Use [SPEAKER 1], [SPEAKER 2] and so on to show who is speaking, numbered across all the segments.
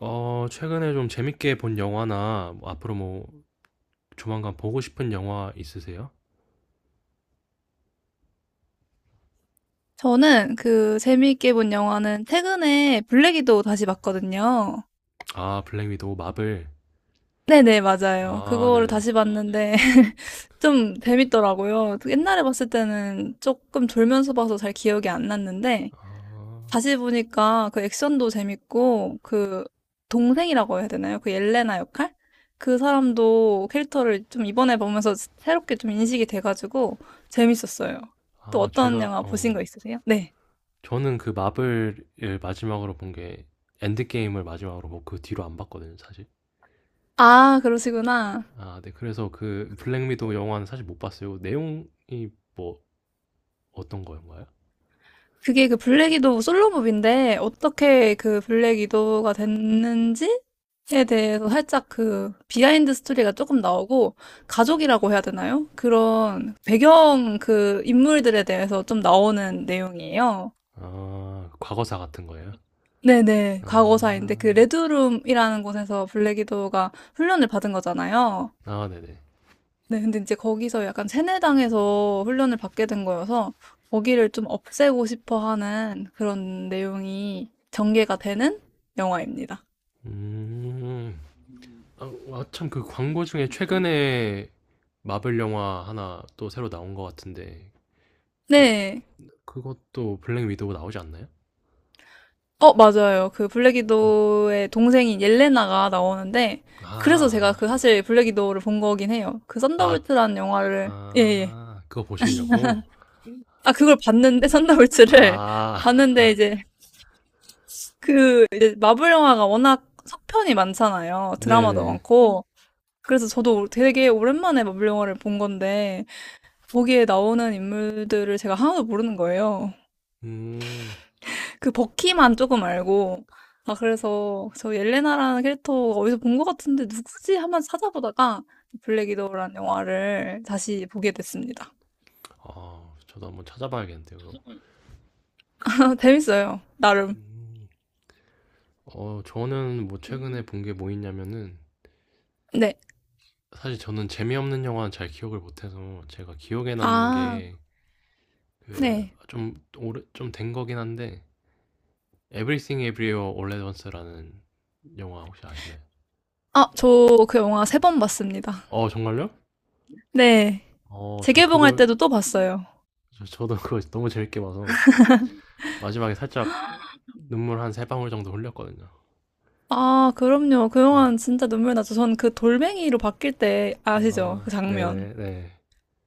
[SPEAKER 1] 어, 최근에 좀 재밌게 본 영화나 뭐 앞으로 뭐 조만간 보고 싶은 영화 있으세요?
[SPEAKER 2] 저는 그 재미있게 본 영화는 최근에 블랙이도 다시 봤거든요.
[SPEAKER 1] 아, 블랙 위도우 마블.
[SPEAKER 2] 네네, 맞아요.
[SPEAKER 1] 아,
[SPEAKER 2] 그거를
[SPEAKER 1] 네네.
[SPEAKER 2] 다시 봤는데 좀 재밌더라고요. 옛날에 봤을 때는 조금 졸면서 봐서 잘 기억이 안 났는데
[SPEAKER 1] 아,
[SPEAKER 2] 다시 보니까 그 액션도 재밌고 그 동생이라고 해야 되나요? 그 옐레나 역할? 그 사람도 캐릭터를 좀 이번에 보면서 새롭게 좀 인식이 돼가지고 재밌었어요. 또
[SPEAKER 1] 아,
[SPEAKER 2] 어떤
[SPEAKER 1] 제가
[SPEAKER 2] 영화 보신 거
[SPEAKER 1] 어
[SPEAKER 2] 있으세요? 네.
[SPEAKER 1] 저는 그 마블을 마지막으로 본 게 엔드게임을 마지막으로 보고 그 뒤로 안 봤거든요, 사실.
[SPEAKER 2] 아, 그러시구나.
[SPEAKER 1] 아, 네. 그래서 그 블랙 위도우 영화는 사실 못 봤어요. 내용이 뭐 어떤 거인가요?
[SPEAKER 2] 그게 그 블랙 위도우 솔로몹인데 어떻게 그 블랙 위도우가 됐는지에 대해서 살짝 그 비하인드 스토리가 조금 나오고 가족이라고 해야 되나요? 그런 배경 그 인물들에 대해서 좀 나오는 내용이에요.
[SPEAKER 1] 아, 과거사 같은 거예요?
[SPEAKER 2] 네네.
[SPEAKER 1] 아,
[SPEAKER 2] 과거사인데 그 레드룸이라는 곳에서 블랙 위도우가 훈련을 받은 거잖아요.
[SPEAKER 1] 아, 네네.
[SPEAKER 2] 네, 근데 이제 거기서 약간 세뇌당해서 훈련을 받게 된 거여서 거기를 좀 없애고 싶어 하는 그런 내용이 전개가 되는 영화입니다.
[SPEAKER 1] 음, 아 참 그 광고 중에 최근에 마블 영화 하나 또 새로 나온 것 같은데 그
[SPEAKER 2] 네.
[SPEAKER 1] 그것도 블랙 위도우 나오지 않나요?
[SPEAKER 2] 어, 맞아요. 그 블랙 위도우의 동생인 옐레나가 나오는데
[SPEAKER 1] 아,
[SPEAKER 2] 그래서 제가
[SPEAKER 1] 아,
[SPEAKER 2] 그
[SPEAKER 1] 네.
[SPEAKER 2] 사실 블랙 위도우를 본 거긴 해요. 그
[SPEAKER 1] 아,
[SPEAKER 2] 썬더볼트라는 영화를 예, 예.
[SPEAKER 1] 아, 그거 보시려고?
[SPEAKER 2] 아, 그걸 봤는데 썬더볼트를
[SPEAKER 1] 아,
[SPEAKER 2] 봤는데 이제 그 마블 영화가 워낙 속편이 많잖아요. 드라마도
[SPEAKER 1] 네네.
[SPEAKER 2] 많고. 그래서 저도 되게 오랜만에 마블 영화를 본 건데 거기에 나오는 인물들을 제가 하나도 모르는 거예요.
[SPEAKER 1] 음,
[SPEAKER 2] 그 버키만 조금 알고 아 그래서 저 옐레나라는 캐릭터 어디서 본 것 같은데 누구지? 한번 찾아보다가 블랙 위도우라는 영화를 다시 보게 됐습니다.
[SPEAKER 1] 아, 저도 한번 찾아봐야겠는데요. 그거.
[SPEAKER 2] 재밌어요. 나름.
[SPEAKER 1] 음, 어, 저는 뭐 최근에 본 게 뭐 있냐면은
[SPEAKER 2] 네.
[SPEAKER 1] 사실 저는 재미없는 영화는 잘 기억을 못해서 제가 기억에 남는
[SPEAKER 2] 아,
[SPEAKER 1] 게 그
[SPEAKER 2] 네.
[SPEAKER 1] 좀 오래 좀 된 거긴 한데 Everything Everywhere All at Once라는 영화 혹시 아시나요?
[SPEAKER 2] 아, 저 그 영화 세 번 봤습니다.
[SPEAKER 1] 어, 정말요?
[SPEAKER 2] 네.
[SPEAKER 1] 어, 저
[SPEAKER 2] 재개봉할
[SPEAKER 1] 그걸
[SPEAKER 2] 때도 또 봤어요.
[SPEAKER 1] 저도 그거 너무 재밌게 봐서 마지막에 살짝 눈물 한 세 방울 정도 흘렸거든요.
[SPEAKER 2] 아, 그럼요. 그
[SPEAKER 1] 예.
[SPEAKER 2] 영화는 진짜 눈물 나죠. 전 그 돌멩이로 바뀔 때 아시죠? 그
[SPEAKER 1] 아,
[SPEAKER 2] 장면.
[SPEAKER 1] 네네, 네.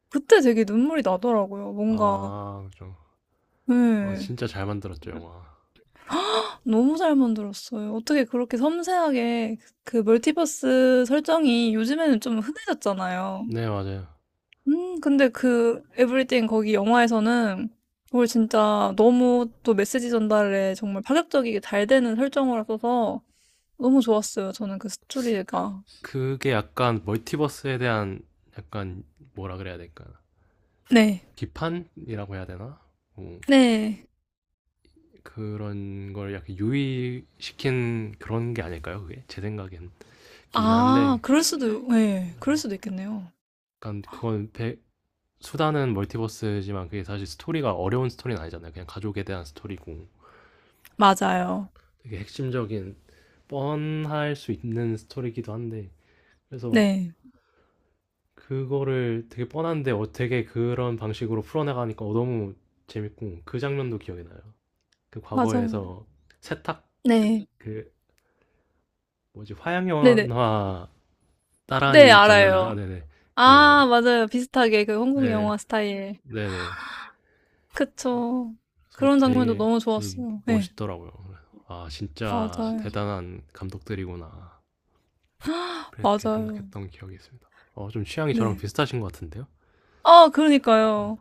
[SPEAKER 2] 그때 되게 눈물이 나더라고요. 뭔가,
[SPEAKER 1] 아, 그죠. 렇 어,
[SPEAKER 2] 네.
[SPEAKER 1] 진짜 잘 만들었죠, 영화.
[SPEAKER 2] 너무 잘 만들었어요. 어떻게 그렇게 섬세하게 그 멀티버스 설정이 요즘에는 좀 흔해졌잖아요.
[SPEAKER 1] 네, 맞아요.
[SPEAKER 2] 근데 그 에브리띵 거기 영화에서는 그걸 진짜 너무 또 메시지 전달에 정말 파격적이게 잘 되는 설정을 써서 너무 좋았어요. 저는 그 스토리가.
[SPEAKER 1] 그게 약간 멀티버스에 대한 약간 뭐라 그래야 될까?
[SPEAKER 2] 네.
[SPEAKER 1] 비판이라고 해야 되나? 뭐,
[SPEAKER 2] 네.
[SPEAKER 1] 그런 걸 약간 유의시킨 그런 게 아닐까요, 그게? 제 생각엔. 기긴
[SPEAKER 2] 아
[SPEAKER 1] 한데
[SPEAKER 2] 그럴 수도 예. 그럴 수도 있겠네요.
[SPEAKER 1] 약간 그건 배 수다는 멀티버스지만 그게 사실 스토리가 어려운 스토리는 아니잖아요. 그냥 가족에 대한 스토리고
[SPEAKER 2] 맞아요.
[SPEAKER 1] 되게 핵심적인 뻔할 수 있는 스토리이기도 한데 그래서
[SPEAKER 2] 네.
[SPEAKER 1] 그거를 되게 뻔한데 어떻게 그런 방식으로 풀어나가니까 어, 너무 재밌고 그 장면도 기억이 나요. 그
[SPEAKER 2] 맞아요.
[SPEAKER 1] 과거에서 세탁
[SPEAKER 2] 네.
[SPEAKER 1] 그 뭐지 화양
[SPEAKER 2] 네네.
[SPEAKER 1] 연화
[SPEAKER 2] 네
[SPEAKER 1] 따라한
[SPEAKER 2] 알아요.
[SPEAKER 1] 장면인가? 네네 그
[SPEAKER 2] 아 맞아요. 비슷하게 그 한국
[SPEAKER 1] 네
[SPEAKER 2] 영화 스타일.
[SPEAKER 1] 네네
[SPEAKER 2] 그쵸.
[SPEAKER 1] 그래서
[SPEAKER 2] 그런 장면도
[SPEAKER 1] 되게
[SPEAKER 2] 너무 좋았어요. 네
[SPEAKER 1] 멋있더라고요. 아, 진짜
[SPEAKER 2] 맞아요.
[SPEAKER 1] 대단한 감독들이구나. 그렇게
[SPEAKER 2] 맞아요.
[SPEAKER 1] 생각했던 기억이 있습니다. 어, 좀 취향이 저랑
[SPEAKER 2] 네.
[SPEAKER 1] 비슷하신 것 같은데요?
[SPEAKER 2] 아 그러니까요.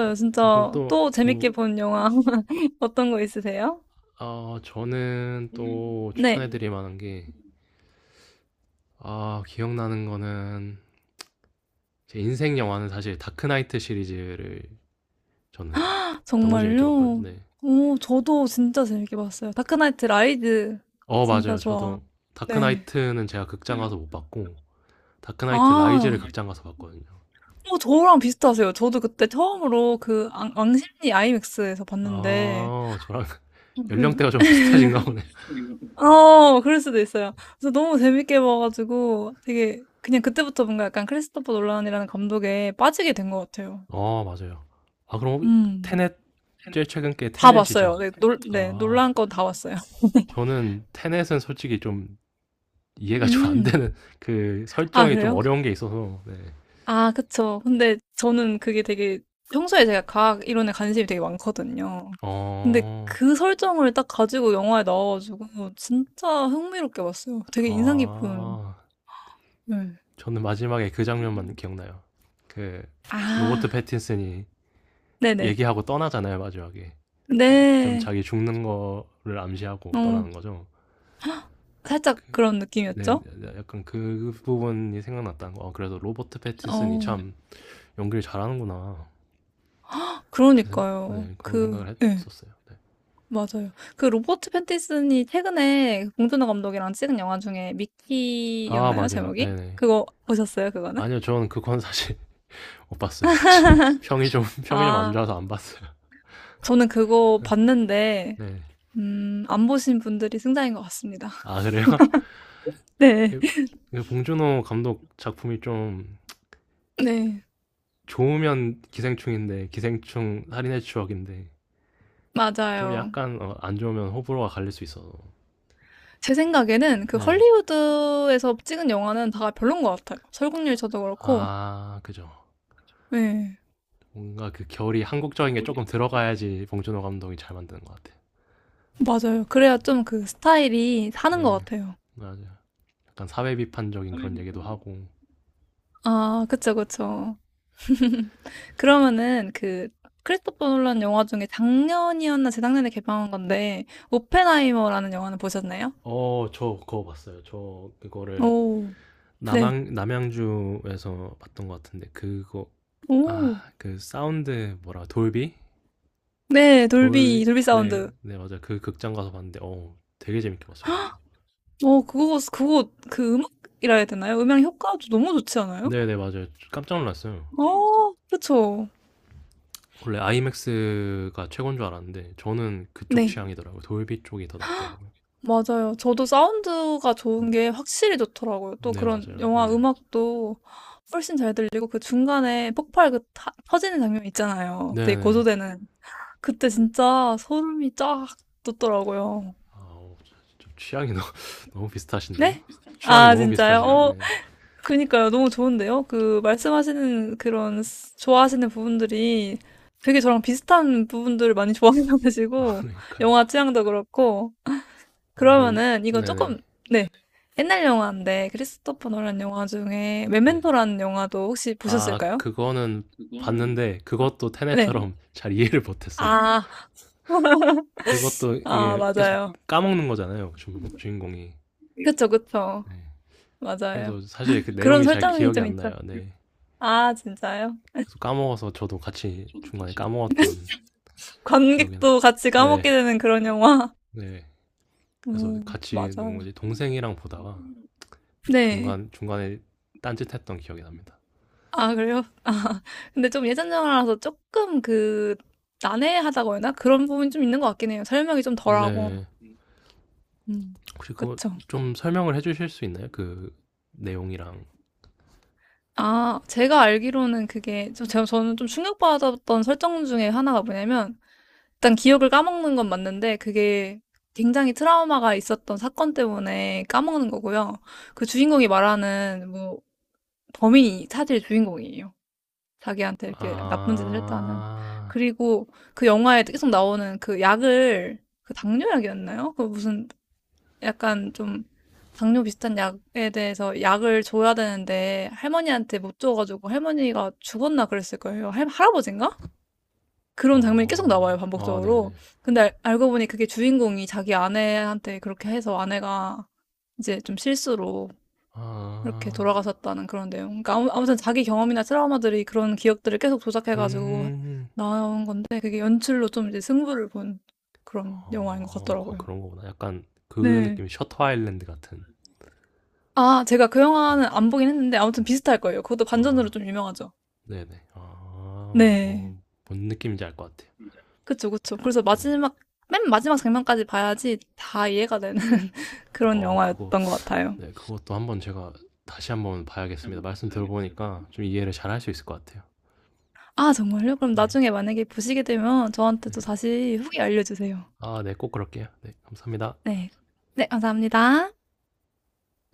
[SPEAKER 1] 어, 어, 그럼
[SPEAKER 2] 진짜
[SPEAKER 1] 또,
[SPEAKER 2] 또 재밌게
[SPEAKER 1] 뭐,
[SPEAKER 2] 본 영화 어떤 거 있으세요?
[SPEAKER 1] 아, 저는 또
[SPEAKER 2] 네.
[SPEAKER 1] 추천해드릴 만한 게, 아, 기억나는 거는, 제 인생 영화는 사실 다크나이트 시리즈를 저는 너무 재밌게 봤거든요.
[SPEAKER 2] 정말요?
[SPEAKER 1] 네.
[SPEAKER 2] 오, 저도 진짜 재밌게 봤어요. 다크나이트 라이즈
[SPEAKER 1] 어,
[SPEAKER 2] 진짜
[SPEAKER 1] 맞아요.
[SPEAKER 2] 좋아.
[SPEAKER 1] 저도
[SPEAKER 2] 네.
[SPEAKER 1] 다크나이트는 제가 극장 가서 못 봤고, 다크나이트
[SPEAKER 2] 아,
[SPEAKER 1] 라이즈를 극장 가서 봤거든요.
[SPEAKER 2] 어, 저랑 비슷하세요. 저도 그때 처음으로 그 왕십리 아이맥스에서 봤는데,
[SPEAKER 1] 아, 저랑 연령대가 좀
[SPEAKER 2] 네.
[SPEAKER 1] 비슷하신가 보네.
[SPEAKER 2] 어, 그럴 수도 있어요. 그래서 너무 재밌게 봐가지고 되게 그냥 그때부터 뭔가 약간 크리스토퍼 놀란이라는 감독에 빠지게 된 것 같아요.
[SPEAKER 1] 어, 맞아요. 아, 그럼
[SPEAKER 2] 음,
[SPEAKER 1] 테넷, 제일 최근 게
[SPEAKER 2] 다
[SPEAKER 1] 테넷이죠?
[SPEAKER 2] 봤어요. 네,
[SPEAKER 1] 아,
[SPEAKER 2] 놀란 건 다 봤어요.
[SPEAKER 1] 저는 테넷은 솔직히 좀 이해가 좀 안
[SPEAKER 2] 음,
[SPEAKER 1] 되는 그
[SPEAKER 2] 아,
[SPEAKER 1] 설정이 좀
[SPEAKER 2] 그래요?
[SPEAKER 1] 어려운 게 있어서, 네.
[SPEAKER 2] 아, 그쵸. 근데 저는 그게 되게 평소에 제가 과학 이론에 관심이 되게 많거든요. 근데
[SPEAKER 1] 어,
[SPEAKER 2] 그 설정을 딱 가지고 영화에 나와가지고 진짜 흥미롭게 봤어요. 되게 인상 깊은.
[SPEAKER 1] 아,
[SPEAKER 2] 네.
[SPEAKER 1] 저는 마지막에 그 장면만 기억나요. 그, 로버트
[SPEAKER 2] 아,
[SPEAKER 1] 패틴슨이
[SPEAKER 2] 네네.
[SPEAKER 1] 얘기하고 떠나잖아요, 마지막에. 어, 좀
[SPEAKER 2] 네.
[SPEAKER 1] 자기 죽는 거를 암시하고
[SPEAKER 2] 어,
[SPEAKER 1] 떠나는 거죠.
[SPEAKER 2] 살짝
[SPEAKER 1] 그
[SPEAKER 2] 그런
[SPEAKER 1] 네.
[SPEAKER 2] 느낌이었죠?
[SPEAKER 1] 약간 그 부분이 생각났다는 거. '아 그래도 로버트 패틴슨이
[SPEAKER 2] 어,
[SPEAKER 1] 참 연기를 잘하는구나.' 이렇게 생각
[SPEAKER 2] 그러니까요.
[SPEAKER 1] 네 그런
[SPEAKER 2] 그,
[SPEAKER 1] 생각을
[SPEAKER 2] 네,
[SPEAKER 1] 했었어요. 네.
[SPEAKER 2] 맞아요. 그 로버트 패틴슨이 최근에 봉준호 감독이랑 찍은 영화 중에
[SPEAKER 1] 아
[SPEAKER 2] 미키였나요?
[SPEAKER 1] 맞아요.
[SPEAKER 2] 제목이?
[SPEAKER 1] 네네.
[SPEAKER 2] 그거 보셨어요? 그거는?
[SPEAKER 1] 아니요. 저는 그건 사실 못 봤어요. 평이 좀 안
[SPEAKER 2] 아
[SPEAKER 1] 좋아서 안 봤어요.
[SPEAKER 2] 저는 그거 봤는데,
[SPEAKER 1] 네.
[SPEAKER 2] 안 보신 분들이 승자인 것 같습니다.
[SPEAKER 1] 아 그래요?
[SPEAKER 2] 네.
[SPEAKER 1] 이 봉준호 감독 작품이 좀
[SPEAKER 2] 네.
[SPEAKER 1] 좋으면 기생충인데 기생충 살인의 추억인데 좀
[SPEAKER 2] 맞아요.
[SPEAKER 1] 약간 어 안 좋으면 호불호가 갈릴 수 있어서.
[SPEAKER 2] 제 생각에는 그
[SPEAKER 1] 네.
[SPEAKER 2] 헐리우드에서 찍은 영화는 다 별론 것 같아요. 설국열이 저도 그렇고.
[SPEAKER 1] 아 그죠.
[SPEAKER 2] 네.
[SPEAKER 1] 뭔가 그 결이 한국적인 게 조금 들어가야지 봉준호 감독이 잘 만드는 것 같아.
[SPEAKER 2] 맞아요. 그래야 좀 그 스타일이 사는 것
[SPEAKER 1] 네,
[SPEAKER 2] 같아요.
[SPEAKER 1] 맞아요. 약간 사회 비판적인 그런 얘기도 하고.
[SPEAKER 2] 아, 그쵸, 그쵸. 그러면은 그 크리스토퍼 놀란 영화 중에 작년이었나 재작년에 개방한 건데, 오펜하이머라는 영화는 보셨나요?
[SPEAKER 1] 어, 저 그거 봤어요. 저 그거를
[SPEAKER 2] 오, 네.
[SPEAKER 1] 남양주에서 봤던 것 같은데 그거
[SPEAKER 2] 오,
[SPEAKER 1] 아, 그 사운드 뭐라 돌비?
[SPEAKER 2] 네,
[SPEAKER 1] 돌
[SPEAKER 2] 돌비, 돌비 사운드.
[SPEAKER 1] 네, 네 맞아요. 그 극장 가서 봤는데 어, 되게 재밌게 봤어요. 저도.
[SPEAKER 2] 어, 그거, 그거, 그 음악이라 해야 되나요? 음향 효과도 너무 좋지 않아요?
[SPEAKER 1] 네, 네 맞아요. 깜짝 놀랐어요.
[SPEAKER 2] 아, 그쵸.
[SPEAKER 1] 원래 아이맥스가 최고인 줄 알았는데 저는 그쪽
[SPEAKER 2] 네.
[SPEAKER 1] 취향이더라고요. 돌비 쪽이 더 낫더라고요.
[SPEAKER 2] 맞아요. 저도 사운드가 좋은 게 확실히 좋더라고요. 또
[SPEAKER 1] 네
[SPEAKER 2] 그런
[SPEAKER 1] 맞아요.
[SPEAKER 2] 영화
[SPEAKER 1] 예.
[SPEAKER 2] 음악도 훨씬 잘 들리고 그 중간에 폭발 그 터지는 장면 있잖아요. 되게
[SPEAKER 1] 네네.
[SPEAKER 2] 고조되는. 그때 진짜 소름이 쫙 돋더라고요.
[SPEAKER 1] 아 어, 좀 취향이 너무 너무 비슷하신데요.
[SPEAKER 2] 네?
[SPEAKER 1] 취향이
[SPEAKER 2] 아,
[SPEAKER 1] 너무
[SPEAKER 2] 진짜요?
[SPEAKER 1] 비슷하신데.
[SPEAKER 2] 어,
[SPEAKER 1] 네.
[SPEAKER 2] 그니까요. 너무 좋은데요? 그, 말씀하시는 그런, 좋아하시는 부분들이 되게 저랑 비슷한 부분들을 많이 좋아하시고, 계시고,
[SPEAKER 1] 그러니까요.
[SPEAKER 2] 영화 취향도 그렇고,
[SPEAKER 1] 아 그럼
[SPEAKER 2] 그러면은, 이건 조금,
[SPEAKER 1] 네네.
[SPEAKER 2] 네. 옛날 영화인데, 크리스토퍼 노란 영화 중에,
[SPEAKER 1] 네.
[SPEAKER 2] 메멘토라는 영화도 혹시
[SPEAKER 1] 아
[SPEAKER 2] 보셨을까요?
[SPEAKER 1] 그거는 봤는데 그것도
[SPEAKER 2] 네.
[SPEAKER 1] 테넷처럼 잘 이해를 못 했어요.
[SPEAKER 2] 아,
[SPEAKER 1] 그것도
[SPEAKER 2] 아,
[SPEAKER 1] 이게 계속
[SPEAKER 2] 맞아요.
[SPEAKER 1] 까먹는 거잖아요, 주인공이.
[SPEAKER 2] 그쵸, 그쵸.
[SPEAKER 1] 네.
[SPEAKER 2] 맞아요.
[SPEAKER 1] 그래서 사실 그
[SPEAKER 2] 그런
[SPEAKER 1] 내용이 잘
[SPEAKER 2] 설정이
[SPEAKER 1] 기억이
[SPEAKER 2] 좀
[SPEAKER 1] 안
[SPEAKER 2] 있죠.
[SPEAKER 1] 나요. 네.
[SPEAKER 2] 아, 진짜요?
[SPEAKER 1] 계속 까먹어서 저도 같이 중간에 까먹었던 기억이 나.
[SPEAKER 2] 관객도 같이
[SPEAKER 1] 네.
[SPEAKER 2] 까먹게 되는 그런 영화.
[SPEAKER 1] 네. 그래서
[SPEAKER 2] 음,
[SPEAKER 1] 같이
[SPEAKER 2] 맞아요.
[SPEAKER 1] 누구지? 동생이랑 보다가
[SPEAKER 2] 네.
[SPEAKER 1] 중간 중간에 딴짓했던 기억이 납니다.
[SPEAKER 2] 아 그래요? 아 근데 좀 예전 영화라서 조금 그 난해하다고 해야 나 그런 부분이 좀 있는 것 같긴 해요. 설명이 좀 덜하고.
[SPEAKER 1] 네.
[SPEAKER 2] 음.
[SPEAKER 1] 혹시 그거
[SPEAKER 2] 그쵸.
[SPEAKER 1] 좀 설명을 해주실 수 있나요? 그 내용이랑
[SPEAKER 2] 아 제가 알기로는 그게 저는 좀 충격받았던 설정 중에 하나가 뭐냐면 일단 기억을 까먹는 건 맞는데 그게 굉장히 트라우마가 있었던 사건 때문에 까먹는 거고요. 그 주인공이 말하는 뭐 범인이 사실 주인공이에요. 자기한테 이렇게 나쁜 짓을 했다는.
[SPEAKER 1] 아,
[SPEAKER 2] 그리고 그 영화에 계속 나오는 그 약을, 그 당뇨약이었나요? 그 무슨 약간 좀 당뇨 비슷한 약에 대해서 약을 줘야 되는데 할머니한테 못 줘가지고 할머니가 죽었나 그랬을 거예요. 할아버지인가? 그런 장면이 계속 나와요,
[SPEAKER 1] 어, 아, 네네.
[SPEAKER 2] 반복적으로. 근데 알고 보니 그게 주인공이 자기 아내한테 그렇게 해서 아내가 이제 좀 실수로
[SPEAKER 1] 아,
[SPEAKER 2] 이렇게 돌아가셨다는 그런 내용. 그러니까 아무튼 자기 경험이나 트라우마들이 그런 기억들을 계속 조작해가지고
[SPEAKER 1] 음,
[SPEAKER 2] 나온 건데 그게 연출로 좀 이제 승부를 본 그런 영화인 것
[SPEAKER 1] 어,
[SPEAKER 2] 같더라고요.
[SPEAKER 1] 그런 거구나. 약간 그
[SPEAKER 2] 네.
[SPEAKER 1] 느낌이 셔터 아일랜드 같은.
[SPEAKER 2] 아, 제가 그 영화는 안 보긴 했는데 아무튼 비슷할 거예요. 그것도 반전으로
[SPEAKER 1] 아,
[SPEAKER 2] 좀 유명하죠.
[SPEAKER 1] 네네. 아,
[SPEAKER 2] 네.
[SPEAKER 1] 어, 뭔 느낌인지 알 것 같아요.
[SPEAKER 2] 그쵸, 그쵸. 그래서
[SPEAKER 1] 네.
[SPEAKER 2] 마지막, 맨 마지막 장면까지 봐야지 다 이해가 되는 그런
[SPEAKER 1] 어, 그거,
[SPEAKER 2] 영화였던 것 같아요.
[SPEAKER 1] 네, 그것도 한번 제가 다시 한번 봐야겠습니다. 말씀 들어보니까 좀 이해를 잘할 수 있을 것 같아요.
[SPEAKER 2] 아, 정말요? 그럼
[SPEAKER 1] 네.
[SPEAKER 2] 나중에 만약에 보시게 되면 저한테 또 다시 후기 알려주세요.
[SPEAKER 1] 아 네. 꼭 그럴게요. 네. 감사합니다.
[SPEAKER 2] 네. 네, 감사합니다.